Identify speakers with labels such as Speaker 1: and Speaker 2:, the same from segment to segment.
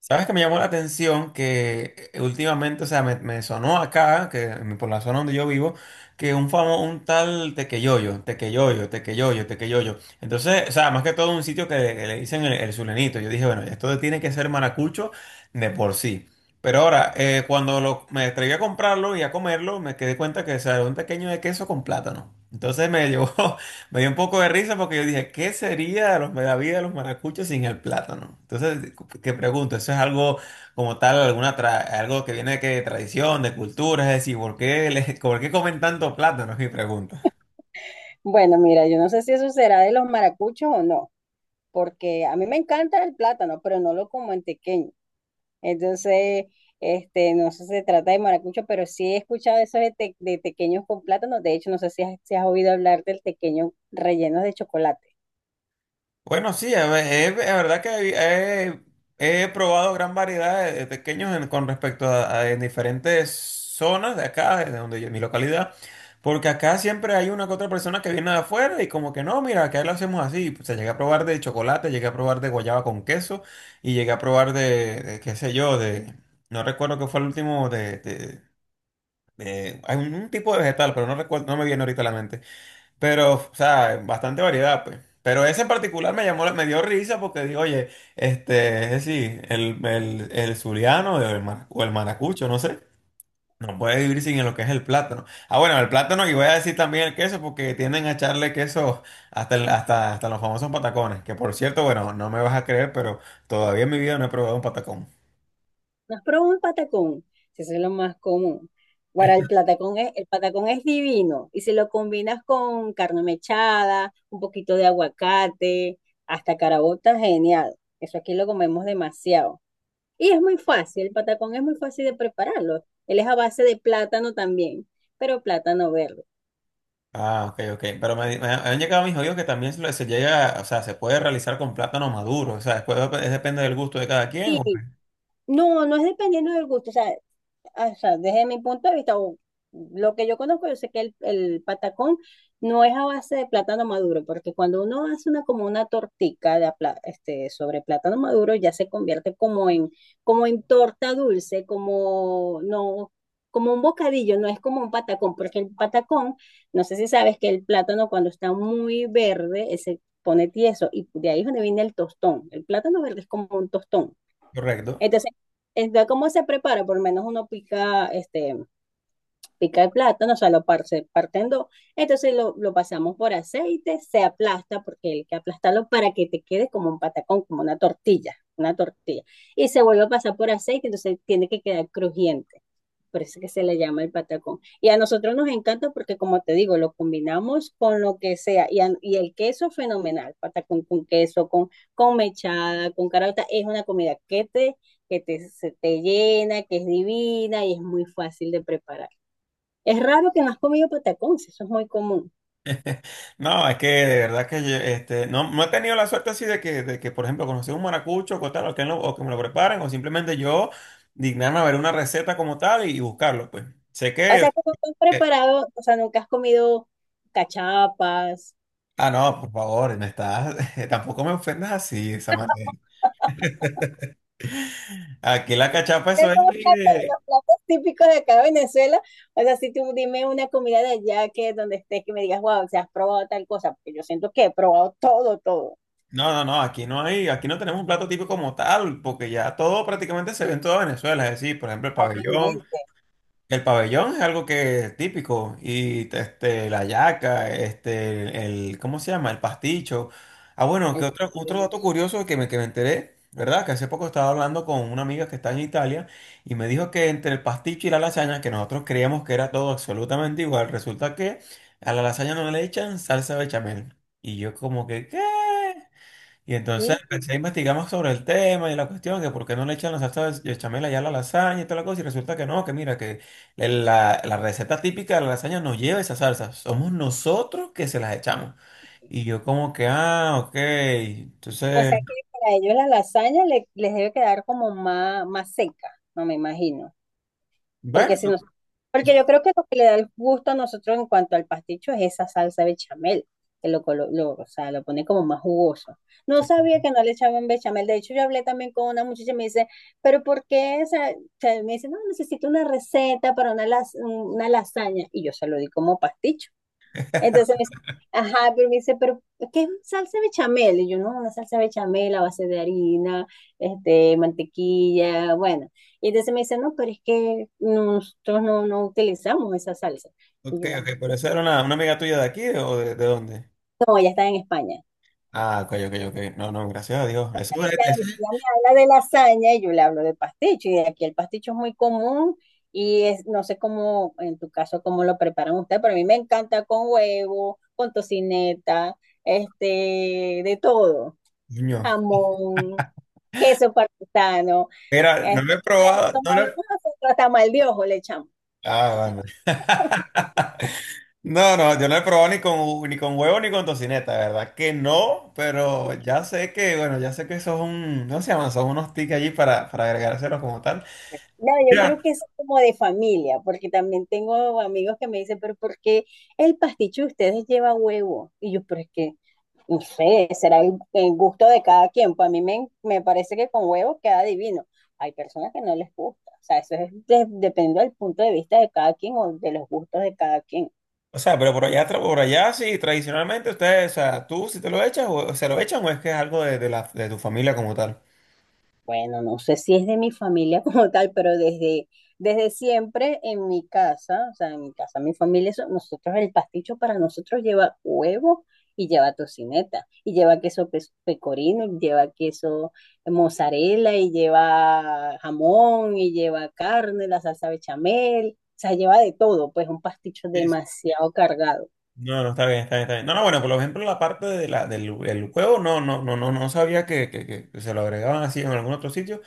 Speaker 1: ¿Sabes que me llamó la atención? Que últimamente, o sea, me sonó acá, por la zona donde yo vivo, que un famoso, un tal Tequeyoyo, Tequeyoyo, Tequeyoyo, Tequeyoyo. Entonces, o sea, más que todo un sitio que le dicen el sulenito. Yo dije, bueno, esto tiene que ser maracucho de por sí. Pero ahora, me atreví a comprarlo y a comerlo, me quedé cuenta que o sea, era un pequeño de queso con plátano. Entonces me llevó. Me dio un poco de risa porque yo dije, ¿qué sería de de la vida de los maracuchos sin el plátano? Entonces, ¿qué pregunto? ¿Eso es algo como tal, algo que viene de, qué, de tradición, de cultura? Es decir, ¿por qué, por qué comen tanto plátano? Es mi pregunta.
Speaker 2: Bueno, mira, yo no sé si eso será de los maracuchos o no, porque a mí me encanta el plátano, pero no lo como en tequeño. Entonces, no sé si se trata de maracucho, pero sí he escuchado eso de, de tequeños con plátano. De hecho, no sé si has, si has oído hablar del tequeño relleno de chocolate.
Speaker 1: Bueno, sí, es verdad que he, he probado gran variedad de tequeños con respecto en diferentes zonas de acá, de donde yo, mi localidad, porque acá siempre hay una que otra persona que viene de afuera y como que no, mira, acá lo hacemos así. Se llega a probar de chocolate, llegué a probar de guayaba con queso y llegué a probar de qué sé yo, de, no recuerdo qué fue el último, hay un tipo de vegetal, pero no recuerdo, no me viene ahorita a la mente. Pero, o sea, bastante variedad, pues. Pero ese en particular me llamó, me dio risa porque digo, oye, este, es decir, el zuliano o el maracucho, no sé, no puede vivir sin lo que es el plátano. Ah, bueno, el plátano y voy a decir también el queso porque tienden a echarle queso hasta, hasta, hasta los famosos patacones, que por cierto, bueno, no me vas a creer, pero todavía en mi vida no he probado un patacón.
Speaker 2: ¿No has probado un patacón? Si eso es lo más común. Ahora, el patacón es divino y si lo combinas con carne mechada, un poquito de aguacate, hasta caraota, genial. Eso aquí lo comemos demasiado. Y es muy fácil, el patacón es muy fácil de prepararlo. Él es a base de plátano también, pero plátano verde.
Speaker 1: Ah, ok, ok. Pero me han llegado mis oídos que también se llega, o sea, se puede realizar con plátano maduro. O sea, después depende del gusto de cada quien.
Speaker 2: Sí, no, no es dependiendo del gusto. O sea, desde mi punto de vista, o lo que yo conozco, yo sé que el patacón no es a base de plátano maduro, porque cuando uno hace una como una tortica de sobre plátano maduro, ya se convierte como en, como en torta dulce, como no, como un bocadillo, no es como un patacón, porque el patacón, no sé si sabes que el plátano cuando está muy verde, se pone tieso, y de ahí es donde viene el tostón. El plátano verde es como un tostón.
Speaker 1: Correcto.
Speaker 2: Entonces, entonces, ¿cómo se prepara? Por lo menos uno pica, pica el plátano, o sea, lo parte, parte en dos. Entonces lo pasamos por aceite, se aplasta, porque hay que aplastarlo para que te quede como un patacón, como una tortilla, una tortilla. Y se vuelve a pasar por aceite, entonces tiene que quedar crujiente por eso que se le llama el patacón. Y a nosotros nos encanta porque, como te digo, lo combinamos con lo que sea. Y, a, y el queso fenomenal, patacón con queso, con mechada, con caraota es una comida que te, se te llena, que es divina y es muy fácil de preparar. Es raro que no has comido patacón, si eso es muy común.
Speaker 1: No, es que de verdad que yo, este, no, no he tenido la suerte así de que por ejemplo, conocer un maracucho o tal, o que me lo preparen, o simplemente yo dignarme a ver una receta como tal y buscarlo, pues. Sé
Speaker 2: O sea,
Speaker 1: que...
Speaker 2: que nunca has
Speaker 1: eh,
Speaker 2: preparado, o sea, nunca has comido cachapas.
Speaker 1: ah, no, por favor, me estás... tampoco me ofendas así, Samantha. Aquí la cachapa,
Speaker 2: Esos
Speaker 1: eso es...
Speaker 2: son los platos típicos de acá de Venezuela. O sea, si tú dime una comida de allá que donde estés que me digas, wow, se has probado tal cosa, porque yo siento que he probado todo, todo,
Speaker 1: no, no, no, aquí no hay, aquí no tenemos un plato típico como tal, porque ya todo prácticamente se ve en toda Venezuela, es decir, por ejemplo, el pabellón.
Speaker 2: prácticamente.
Speaker 1: El pabellón es algo que es típico y este la yaca, este el ¿cómo se llama? El pasticho. Ah, bueno, que
Speaker 2: El-
Speaker 1: otro otro
Speaker 2: el-
Speaker 1: dato curioso que me enteré, ¿verdad? Que hace poco estaba hablando con una amiga que está en Italia y me dijo que entre el pasticho y la lasaña, que nosotros creíamos que era todo absolutamente igual, resulta que a la lasaña no le echan salsa bechamel. Y yo como que, ¿qué? Y entonces
Speaker 2: sí.
Speaker 1: empecé a investigar más sobre el tema y la cuestión, que por qué no le echan la salsa de bechamel allá a la lasaña y toda la cosa, y resulta que no, que mira, que la receta típica de la lasaña no lleva esa salsa, somos nosotros que se las echamos. Y yo como que, ah, ok,
Speaker 2: O
Speaker 1: entonces,
Speaker 2: sea que para ellos la lasaña les debe quedar como más, más seca, no me imagino. Porque si
Speaker 1: bueno,
Speaker 2: nos, porque yo creo que lo que le da el gusto a nosotros en cuanto al pasticho es esa salsa bechamel, que lo, o sea, lo pone como más jugoso. No sabía que no le echaban bechamel. De hecho, yo hablé también con una muchacha y me dice, pero ¿por qué? O sea, me dice, no, necesito una receta para una lasaña. Y yo se lo di como pasticho. Entonces me dice, ajá, pero me dice, pero ¿qué es salsa bechamel? Y yo, no, una salsa bechamel a base de harina, mantequilla, bueno. Y entonces me dice, no, pero es que nosotros no utilizamos esa salsa. Y
Speaker 1: ok,
Speaker 2: yo,
Speaker 1: ok,
Speaker 2: "Ah,
Speaker 1: pero esa era una amiga tuya de aquí ¿de dónde?
Speaker 2: no, ella está en España.
Speaker 1: Ah, ok, ok, ok, no, no, gracias a Dios,
Speaker 2: Y Ella,
Speaker 1: eso, es-
Speaker 2: ella me habla de lasaña y yo le hablo de pasticho. Y aquí el pasticho es muy común y es, no sé cómo, en tu caso, cómo lo preparan ustedes, pero a mí me encanta con huevo, con tocineta, de todo
Speaker 1: coño,
Speaker 2: jamón, queso parmesano.
Speaker 1: era, no lo he
Speaker 2: Como,
Speaker 1: probado,
Speaker 2: como
Speaker 1: no lo he...
Speaker 2: hablamos nosotros, tamal de ojo le echamos.
Speaker 1: Ah, bueno. No, no, yo no he probado ni con, ni con huevo ni con tocineta, de ¿verdad? Que no, pero ya sé que, bueno, ya sé que eso es un, ¿cómo se llaman? Son unos tics allí para agregárselos como tal.
Speaker 2: No, yo
Speaker 1: Ya,
Speaker 2: creo que es como de familia, porque también tengo amigos que me dicen, pero ¿por qué el pasticho de ustedes lleva huevo? Y yo, pero es que, no sé, será el gusto de cada quien. Pues a mí me parece que con huevo queda divino. Hay personas que no les gusta. O sea, eso es depende del punto de vista de cada quien o de los gustos de cada quien.
Speaker 1: o sea, pero por allá, por allá sí, tradicionalmente ustedes, o sea, tú si te lo echas, o, se lo echan o es que es algo de la, de tu familia como tal.
Speaker 2: Bueno, no sé si es de mi familia como tal, pero desde, desde siempre en mi casa, o sea, en mi casa, mi familia, nosotros el pasticho para nosotros lleva huevo y lleva tocineta, y lleva pecorino, y lleva queso mozzarella, y lleva jamón, y lleva carne, la salsa bechamel, o sea, lleva de todo, pues un pasticho
Speaker 1: Sí, sí.
Speaker 2: demasiado cargado.
Speaker 1: No, no, está bien, está bien, está bien. No, no, bueno, por ejemplo, la parte de la, del el huevo, no, no, no, no, no sabía que se lo agregaban así en algún otro sitio,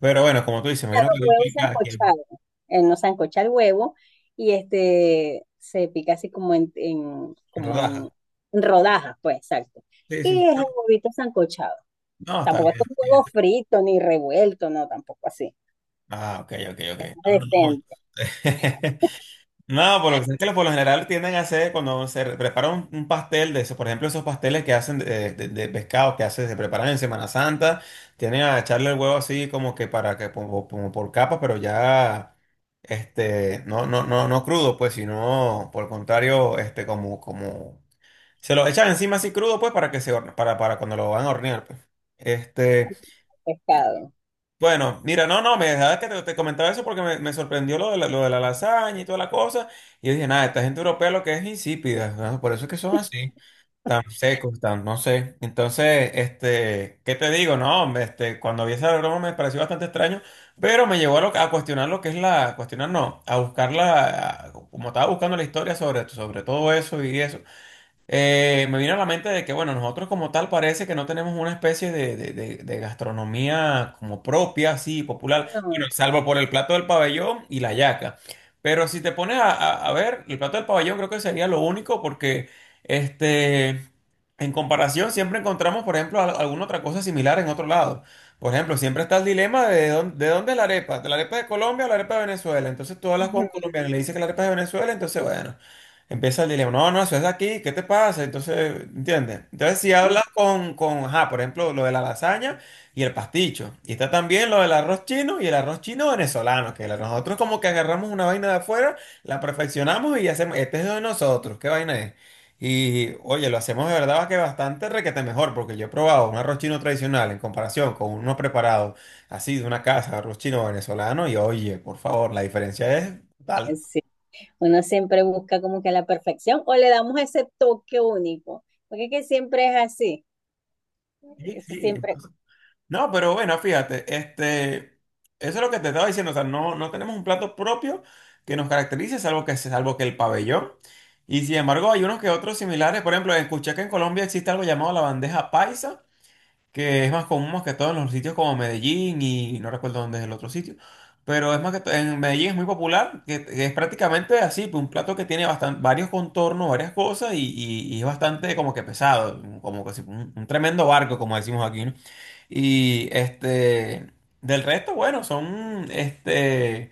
Speaker 1: pero bueno, como tú dices, me imagino que lo
Speaker 2: Huevo
Speaker 1: utilizan aquí en
Speaker 2: sancochado, no sancocha el huevo y este se pica así como en, como
Speaker 1: rodajas.
Speaker 2: en rodajas, pues, exacto.
Speaker 1: Sí, sí, sí.
Speaker 2: Y es el huevito sancochado.
Speaker 1: No, está
Speaker 2: Tampoco es
Speaker 1: bien, está
Speaker 2: un
Speaker 1: bien.
Speaker 2: huevo frito ni revuelto, no, tampoco así.
Speaker 1: Ah, ok, ok, ok. No, no, no.
Speaker 2: Decente,
Speaker 1: No, por lo que sé es que por lo general tienden a hacer cuando prepara un pastel de esos, por ejemplo, esos pasteles que hacen de pescado que hace, se preparan en Semana Santa, tienden a echarle el huevo así como que para que como, como por capa, pero ya este no, no, no, no crudo, pues, sino por el contrario, este como, como se lo echan encima así crudo, pues, para que para cuando lo van a hornear, pues. Este.
Speaker 2: pescado.
Speaker 1: Bueno, mira, no, no, me dejaba que te comentaba eso porque me sorprendió lo de la lasaña y toda la cosa. Y yo dije, nada, esta gente europea lo que es insípida, ¿no? Por eso es que son así, tan secos, tan, no sé. Entonces, este, ¿qué te digo? No, hombre, este, cuando vi esa broma me pareció bastante extraño, pero me llevó a cuestionar lo que es la, a cuestionar no, a buscarla, como estaba buscando la historia sobre, sobre todo eso y eso. Me vino a la mente de que, bueno, nosotros como tal parece que no tenemos una especie de gastronomía como propia, así, popular,
Speaker 2: No,
Speaker 1: bueno, salvo por el plato del pabellón y la yaca. Pero si te pones a ver, el plato del pabellón creo que sería lo único porque, este, en comparación siempre encontramos, por ejemplo, alguna otra cosa similar en otro lado. Por ejemplo, siempre está el dilema de dónde es la arepa de Colombia o la arepa de Venezuela. Entonces tú hablas con un
Speaker 2: ujú,
Speaker 1: colombiano y le dices que la arepa es de Venezuela, entonces, bueno. Empieza el dilema, no, no, eso es de aquí, ¿qué te pasa? Entonces, ¿entiendes? Entonces, si hablas ajá, por ejemplo, lo de la lasaña y el pasticho, y está también lo del arroz chino y el arroz chino venezolano, nosotros como que agarramos una vaina de afuera, la perfeccionamos y hacemos, este es de nosotros, ¿qué vaina es? Y, oye, lo hacemos de verdad que bastante requete mejor, porque yo he probado un arroz chino tradicional en comparación con uno preparado así de una casa, arroz chino venezolano, y oye, por favor, la diferencia es
Speaker 2: ujú,
Speaker 1: tal.
Speaker 2: sí. Uno siempre busca como que la perfección o le damos ese toque único, porque es que siempre es así.
Speaker 1: Sí,
Speaker 2: Eso
Speaker 1: sí.
Speaker 2: siempre.
Speaker 1: No, pero bueno, fíjate, este, eso es lo que te estaba diciendo, o sea, no, no tenemos un plato propio que nos caracterice, salvo que el pabellón. Y sin embargo, hay unos que otros similares, por ejemplo, escuché que en Colombia existe algo llamado la bandeja paisa, que es más común más que todo en los sitios como Medellín y no recuerdo dónde es el otro sitio, pero es más que todo, en Medellín es muy popular, que es prácticamente así, pues, un plato que tiene varios contornos, varias cosas y es bastante como que pesado, como que un tremendo barco, como decimos aquí, ¿no? Y este, del resto, bueno, son este,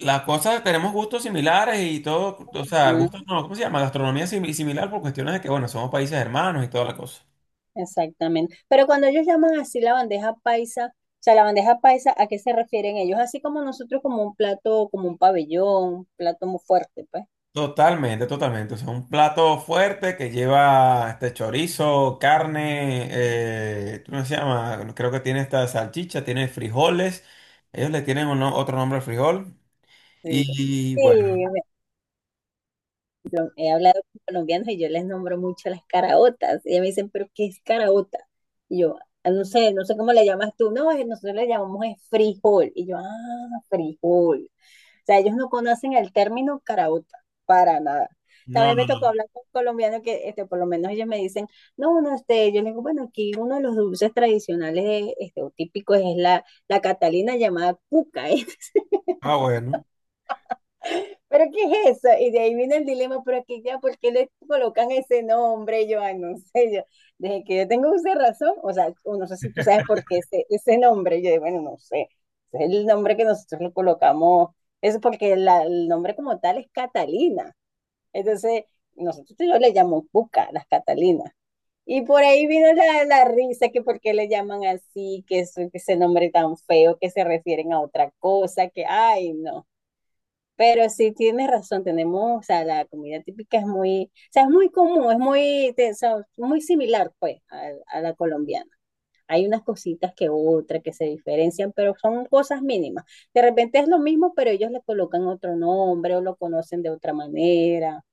Speaker 1: las cosas, tenemos gustos similares y todo, o sea, gustos, no, ¿cómo se llama? Gastronomía similar por cuestiones de que, bueno, somos países hermanos y toda la cosa.
Speaker 2: Exactamente. Pero cuando ellos llaman así la bandeja paisa, o sea, la bandeja paisa, ¿a qué se refieren ellos? Así como nosotros, como un plato, como un pabellón, un plato muy fuerte, pues.
Speaker 1: Totalmente, totalmente. O sea, un plato fuerte que lleva este chorizo, carne, ¿cómo se llama? Creo que tiene esta salchicha, tiene frijoles. Ellos le tienen otro nombre al frijol.
Speaker 2: Sí.
Speaker 1: Y,
Speaker 2: Sí,
Speaker 1: bueno,
Speaker 2: bueno, he hablado con colombianos y yo les nombro mucho las caraotas. Y ellos me dicen, ¿pero qué es caraota? Y yo, "Ah, no sé, no sé cómo le llamas tú. No, nosotros le llamamos es frijol. Y yo, ah, frijol. O sea, ellos no conocen el término carauta para nada.
Speaker 1: no,
Speaker 2: También me
Speaker 1: no, no.
Speaker 2: tocó hablar con colombianos que, por lo menos ellos me dicen, no, uno, yo les digo, bueno, aquí uno de los dulces tradicionales, o típicos es la catalina llamada cuca, ¿eh?
Speaker 1: Ah, bueno.
Speaker 2: ¿Pero qué es eso? Y de ahí viene el dilema, pero aquí ya, ¿por qué le colocan ese nombre? Yo, ay, no sé, yo, desde que yo tengo uso de razón, o sea, o no sé si tú sabes por qué ese nombre, yo, bueno, no sé, es el nombre que nosotros le colocamos, es porque la, el nombre como tal es Catalina. Entonces, nosotros yo le llamo Cuca, las Catalinas. Y por ahí vino la risa, que por qué le llaman así, que, es, que ese nombre tan feo, que se refieren a otra cosa, que, ay, no. Pero sí tienes razón, tenemos, o sea, la comida típica es muy, o sea, es muy común, es muy, o sea, muy similar, pues, a la colombiana. Hay unas cositas que otras que se diferencian, pero son cosas mínimas. De repente es lo mismo, pero ellos le colocan otro nombre o lo conocen de otra manera.